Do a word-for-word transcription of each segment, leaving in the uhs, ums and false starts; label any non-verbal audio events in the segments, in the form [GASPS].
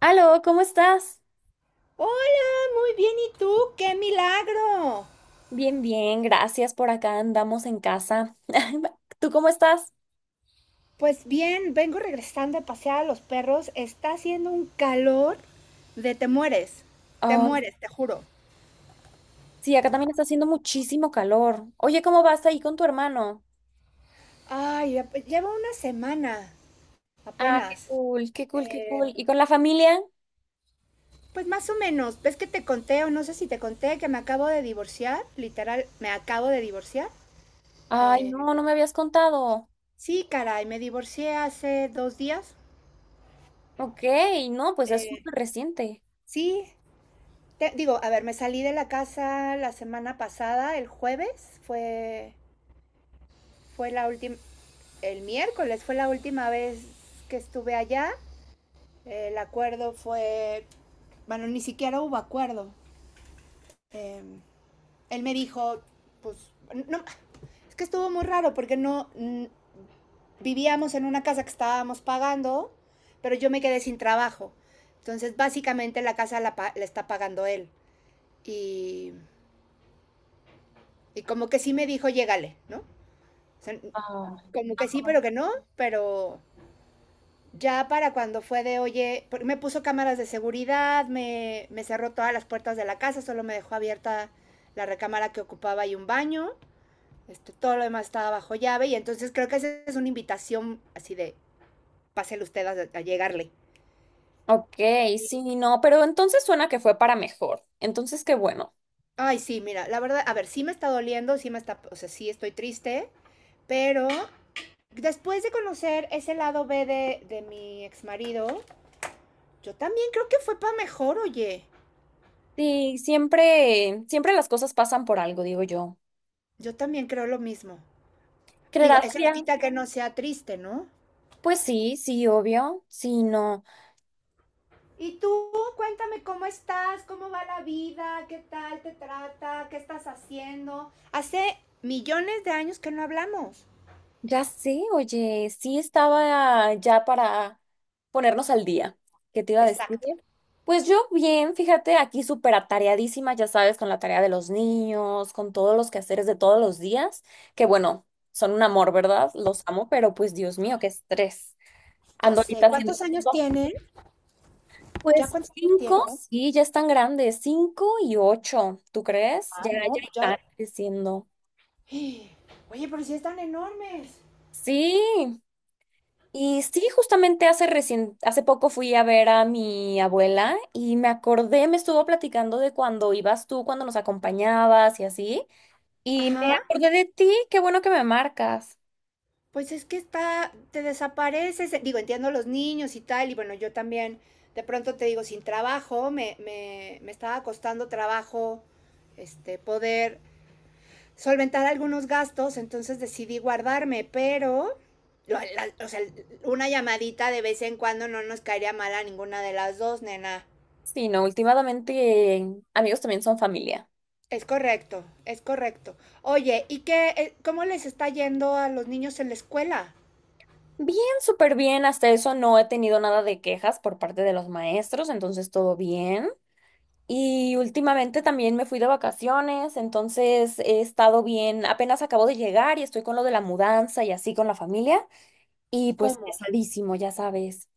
Aló, ¿cómo estás? Hola, muy bien. ¿Y tú? ¡Qué milagro! Bien, bien, gracias. Por acá andamos en casa. [LAUGHS] ¿Tú cómo estás? Pues bien, vengo regresando a pasear a los perros. Está haciendo un calor de te mueres. Te Oh, mueres, te juro. sí, acá también está haciendo muchísimo calor. Oye, ¿cómo vas ahí con tu hermano? Ay, ap- lleva una semana Ah, qué apenas. cool, qué cool, qué Eh, cool. ¿Y con la familia? pues más o menos. ¿Ves que te conté o no sé si te conté que me acabo de divorciar? Literal, me acabo de divorciar. Ay, Eh, no, no me habías contado. sí, caray, me divorcié hace dos días. Ok, no, pues es Eh, súper reciente. sí, Te- digo, a ver, me salí de la casa la semana pasada, el jueves, fue, fue la última, el miércoles fue la última vez que estuve allá. El acuerdo fue, bueno, ni siquiera hubo acuerdo. Eh, él me dijo, pues, no, es que estuvo muy raro porque no mm, vivíamos en una casa que estábamos pagando, pero yo me quedé sin trabajo. Entonces, básicamente la casa la, pa- la está pagando él. Y, y como que sí me dijo, llégale, ¿no? O sea, Ah. como que sí, pero que no, pero ya para cuando fue de, oye, por- me puso cámaras de seguridad, me, me cerró todas las puertas de la casa, solo me dejó abierta la recámara que ocupaba y un baño, este, todo lo demás estaba bajo llave y entonces creo que esa es una invitación así de, pásele usted a, a llegarle. Ok, sí, no, pero entonces suena que fue para mejor. Entonces, qué bueno. Ay, sí, mira, la verdad, a ver, sí me está doliendo, sí me está, o sea, sí estoy triste, pero después de conocer ese lado B de, de mi ex marido, yo también creo que fue para mejor, oye. Sí, siempre, siempre las cosas pasan por algo, digo yo. Yo también creo lo mismo. Digo, ¿Creerás, eso no Cria? quita que no sea triste, ¿no? Pues sí, sí, obvio, sí, no, Y tú, cuéntame cómo estás, cómo va la vida, qué tal te trata, qué estás haciendo. Hace millones de años que no hablamos. ya sé, oye, sí estaba ya para ponernos al día. ¿Qué te iba a decir? Exacto. Pues yo bien, fíjate, aquí súper atareadísima, ya sabes, con la tarea de los niños, con todos los quehaceres de todos los días, que bueno, son un amor, ¿verdad? Los amo, pero pues Dios mío, qué estrés. Ya Ando sé. ahorita haciendo ¿Cuántos años cinco, tienen? ¿Ya pues cuántos años cinco, tienen? sí, ya están grandes, cinco y ocho, ¿tú crees? Ah, Ya, ya no, pues ya. están creciendo. [GASPS] Oye, pero si sí están enormes. Sí. Y sí, justamente hace recien- hace poco fui a ver a mi abuela y me acordé, me estuvo platicando de cuando ibas tú, cuando nos acompañabas y así. Y me Ajá. acordé de ti, qué bueno que me marcas. Pues es que está, te desapareces, eh, digo, entiendo los niños y tal, y bueno, yo también, de pronto te digo, sin trabajo, me, me, me estaba costando trabajo, este, poder solventar algunos gastos, entonces decidí guardarme, pero, lo- la- o sea, una llamadita de vez en cuando no nos caería mal a ninguna de las dos, nena. Sí, no, últimamente eh, amigos también son familia. Es correcto, es correcto. Oye, ¿y qué, eh, cómo les está yendo a los niños en la escuela? Bien, súper bien, hasta eso no he tenido nada de quejas por parte de los maestros, entonces todo bien. Y últimamente también me fui de vacaciones, entonces he estado bien, apenas acabo de llegar y estoy con lo de la mudanza y así con la familia. Y pues ¿Cómo? pesadísimo, ya sabes.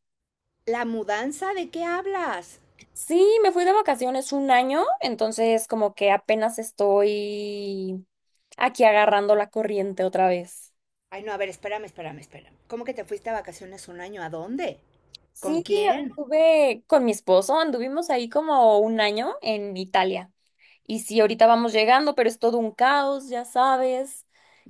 ¿La mudanza? ¿De qué hablas? Sí, me fui de vacaciones un año, entonces como que apenas estoy aquí agarrando la corriente otra vez. Ay, no, a ver, espérame, espérame, espérame. ¿Cómo que te fuiste a vacaciones un año? ¿A dónde? ¿Con Sí, quién? anduve con mi esposo, anduvimos ahí como un año en Italia. Y sí, ahorita vamos llegando, pero es todo un caos, ya sabes.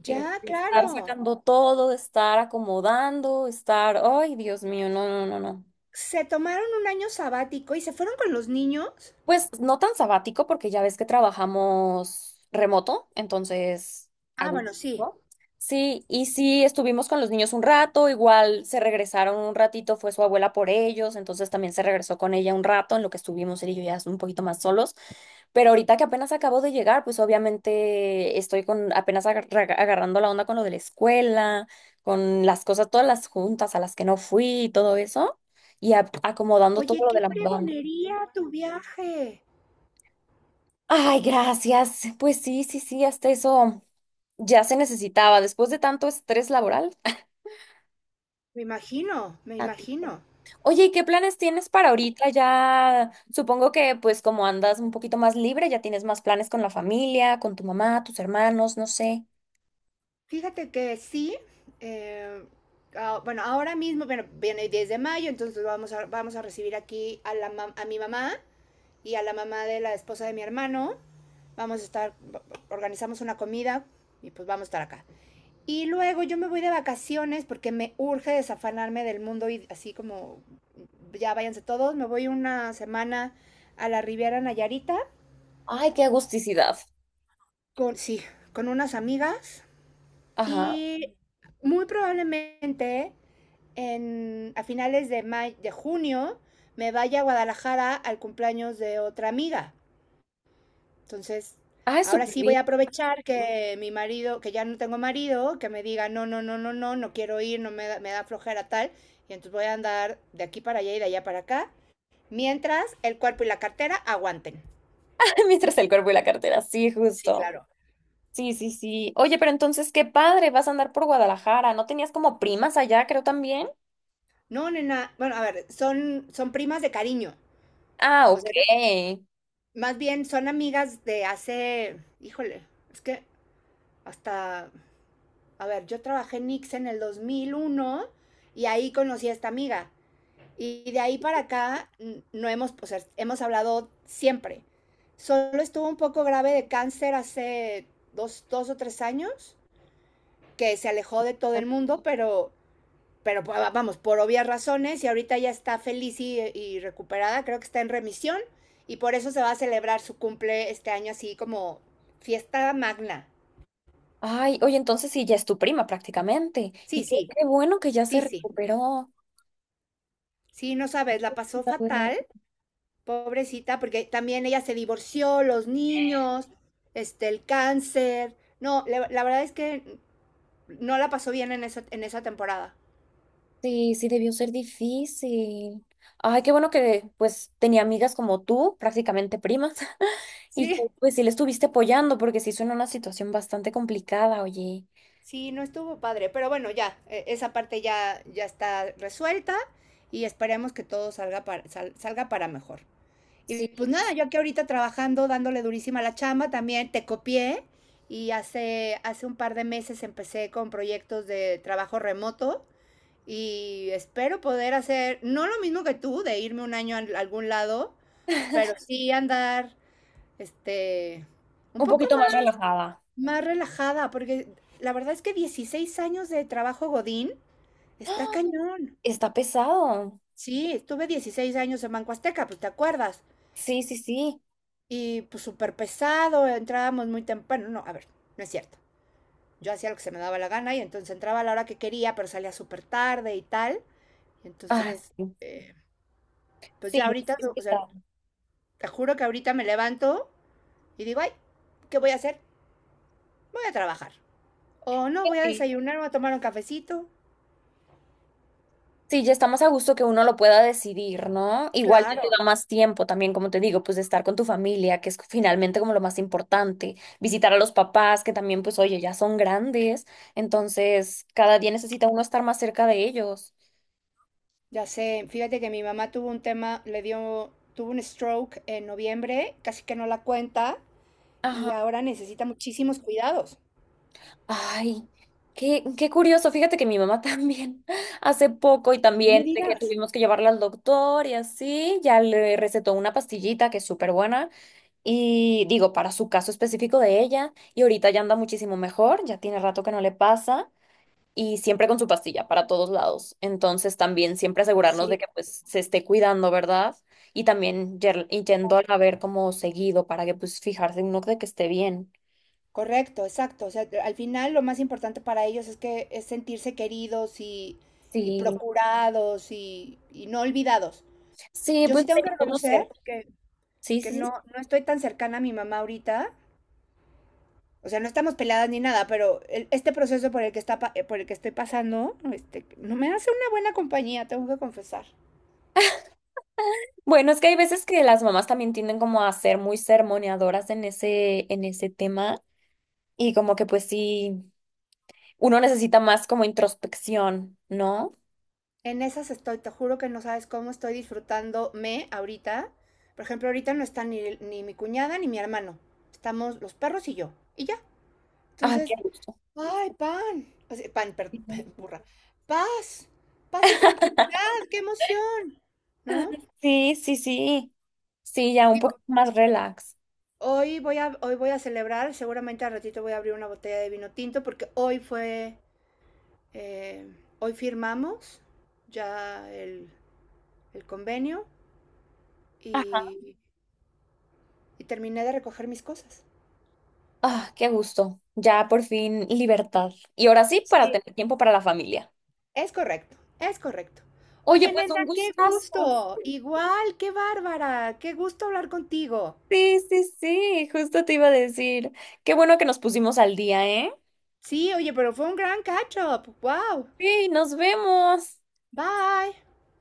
Eh, Ya, Estar claro. sacando todo, estar acomodando, estar... Ay, Dios mío, no, no, no, no. Se tomaron un año sabático y se fueron con los niños. Pues no tan sabático porque ya ves que trabajamos remoto, entonces a Ah, gusto. bueno, sí. ¿No? Sí, y sí estuvimos con los niños un rato, igual se regresaron un ratito, fue su abuela por ellos, entonces también se regresó con ella un rato en lo que estuvimos él y yo ya un poquito más solos. Pero ahorita que apenas acabo de llegar, pues obviamente estoy con apenas agarra- agarrando la onda con lo de la escuela, con las cosas, todas las juntas a las que no fui y todo eso, y a- acomodando todo Oye, lo de qué la mudanza. fregonería tu viaje. Ay, gracias. Pues sí, sí, sí, hasta eso ya se necesitaba después de tanto estrés laboral. Me imagino, me Tantito. imagino. Oye, ¿y qué planes tienes para ahorita? Ya supongo que pues como andas un poquito más libre, ya tienes más planes con la familia, con tu mamá, tus hermanos, no sé. Fíjate que sí. eh, ah, bueno, ahora mismo, bueno, viene el diez de mayo, entonces vamos a, vamos a recibir aquí a, la, mam- a mi mamá y a la mamá de la esposa de mi hermano. Vamos a estar, organizamos una comida y pues vamos a estar acá. Y luego yo me voy de vacaciones porque me urge desafanarme del mundo y así como ya váyanse todos. Me voy una semana a la Riviera Nayarita Ay, qué agusticidad. con, sí, con unas amigas Ajá. y muy probablemente en, a finales de, may, de junio me vaya a Guadalajara al cumpleaños de otra amiga. Entonces, Ay, ahora súper sí voy bien. a aprovechar que mi marido, que ya no tengo marido, que me diga, no, no, no, no, no, no quiero ir, no me da, me da flojera tal. Y entonces voy a andar de aquí para allá y de allá para acá, mientras el cuerpo y la cartera aguanten. [LAUGHS] Mientras el cuerpo y la cartera, sí, Sí, justo. claro. Sí, sí, sí. Oye, pero entonces qué padre, vas a andar por Guadalajara. ¿No tenías como primas allá, creo también? No, nena, bueno, a ver, son, son primas de cariño. Ah, O ok. sea, más bien son amigas de hace, híjole, es que hasta, a ver, yo trabajé en Nix en el dos mil uno y ahí conocí a esta amiga. Y de ahí para acá no hemos, o sea, hemos hablado siempre. Solo estuvo un poco grave de cáncer hace dos, dos o tres años, que se alejó de todo el mundo, pero, pero, vamos, por obvias razones, y ahorita ya está feliz y, y recuperada, creo que está en remisión, y por eso se va a celebrar su cumple este año así como fiesta magna. Ay, oye, entonces sí, ya es tu prima prácticamente. Sí, Y qué, sí, qué bueno que ya se sí, sí. recuperó. Sí, no sabes, la pasó ¿Sabes? fatal. Pobrecita, porque también ella se divorció, los niños, este, el cáncer. No, la, la verdad es que no la pasó bien en esa, en esa temporada. Sí, sí, debió ser difícil. Ay, qué bueno que pues tenía amigas como tú, prácticamente primas, [LAUGHS] y que Sí. pues sí le estuviste apoyando porque sí suena una situación bastante complicada, oye. Sí, no estuvo padre, pero bueno, ya, e- esa parte ya, ya está resuelta y esperemos que todo salga para, sal- salga para mejor. Sí, Y pues nada, yo aquí ahorita trabajando, dándole durísima a la chamba, también te copié y hace, hace un par de meses empecé con proyectos de trabajo remoto. Y espero poder hacer, no lo mismo que tú, de irme un año a algún lado, pero sí andar, este, un un poco poquito más más, relajada. más relajada, porque la verdad es que dieciséis años de trabajo Godín está cañón. Está pesado. Sí, estuve dieciséis años en Banco Azteca, pues te acuerdas. Sí, sí, sí. Y pues súper pesado, entrábamos muy temprano. No, a ver, no es cierto. Yo hacía lo que se me daba la gana y entonces entraba a la hora que quería, pero salía súper tarde y tal. Ah, Entonces, sí, eh, pues sí, ya no, sí ahorita, es o sea, pesado. te juro que ahorita me levanto y digo, ay, ¿qué voy a hacer? Voy a trabajar. O no, voy a desayunar, voy a tomar un cafecito. Sí, ya está más a gusto que uno lo pueda decidir, ¿no? Igual ya Claro, te da más tiempo también, como te digo, pues de estar con tu familia, que es finalmente como lo más importante. Visitar a los papás, que también, pues, oye, ya son grandes. Entonces, cada día necesita uno estar más cerca de ellos. ya sé. Fíjate que mi mamá tuvo un tema, le dio, tuvo un stroke en noviembre, casi que no la cuenta y Ajá. ahora necesita muchísimos cuidados. Ay, qué, qué curioso. Fíjate que mi mamá también [LAUGHS] hace poco y No también me de que digas. tuvimos que llevarla al doctor y así, ya le recetó una pastillita que es súper buena. Y digo, para su caso específico de ella, y ahorita ya anda muchísimo mejor, ya tiene rato que no le pasa, y siempre con su pastilla para todos lados. Entonces también siempre asegurarnos de Sí, que pues se esté cuidando, ¿verdad? Y también yer- y yendo a ver como seguido para que pues fijarse uno de que esté bien. correcto, exacto. O sea, al final lo más importante para ellos es que es sentirse queridos y, y Sí, procurados y, y no olvidados. sí, Yo pues sí tengo de que reconocer conocer. que Sí, que sí, no, sí. no estoy tan cercana a mi mamá ahorita. O sea, no estamos peladas ni nada, pero el- este proceso por el que está pa- eh, por el que estoy pasando, este, no me hace una buena compañía, tengo que confesar. Bueno, es que hay veces que las mamás también tienden como a ser muy sermoneadoras en ese, en ese tema, y como que pues sí. Uno necesita más como introspección, ¿no? En esas estoy, te juro que no sabes cómo estoy disfrutándome ahorita. Por ejemplo, ahorita no están ni, ni mi cuñada ni mi hermano. Estamos los perros y yo. Y ya. Ay, qué Entonces, gusto. ay, pan. O sea, pan, perdón, Ujú. [LAUGHS] burra. Paz. Paz y [LAUGHS] tranquilidad. ¡Qué emoción! ¿No? Sí, sí, sí. Sí, ya un poquito más relax. Hoy voy a, hoy voy a celebrar, seguramente al ratito voy a abrir una botella de vino tinto porque hoy fue, eh, hoy firmamos ya el, el convenio Ajá. y, y terminé de recoger mis cosas. Ah, qué gusto. Ya por fin libertad. Y ahora sí, para Sí, tener tiempo para la familia. es correcto, es correcto. Oye, Oye, pues nena, un qué gustazo. gusto. Igual, qué bárbara. Qué gusto hablar contigo. Sí, sí, sí, justo te iba a decir. Qué bueno que nos pusimos al día, ¿eh? Sí, oye, pero fue un gran catch up. Wow. Sí, nos vemos. Bye.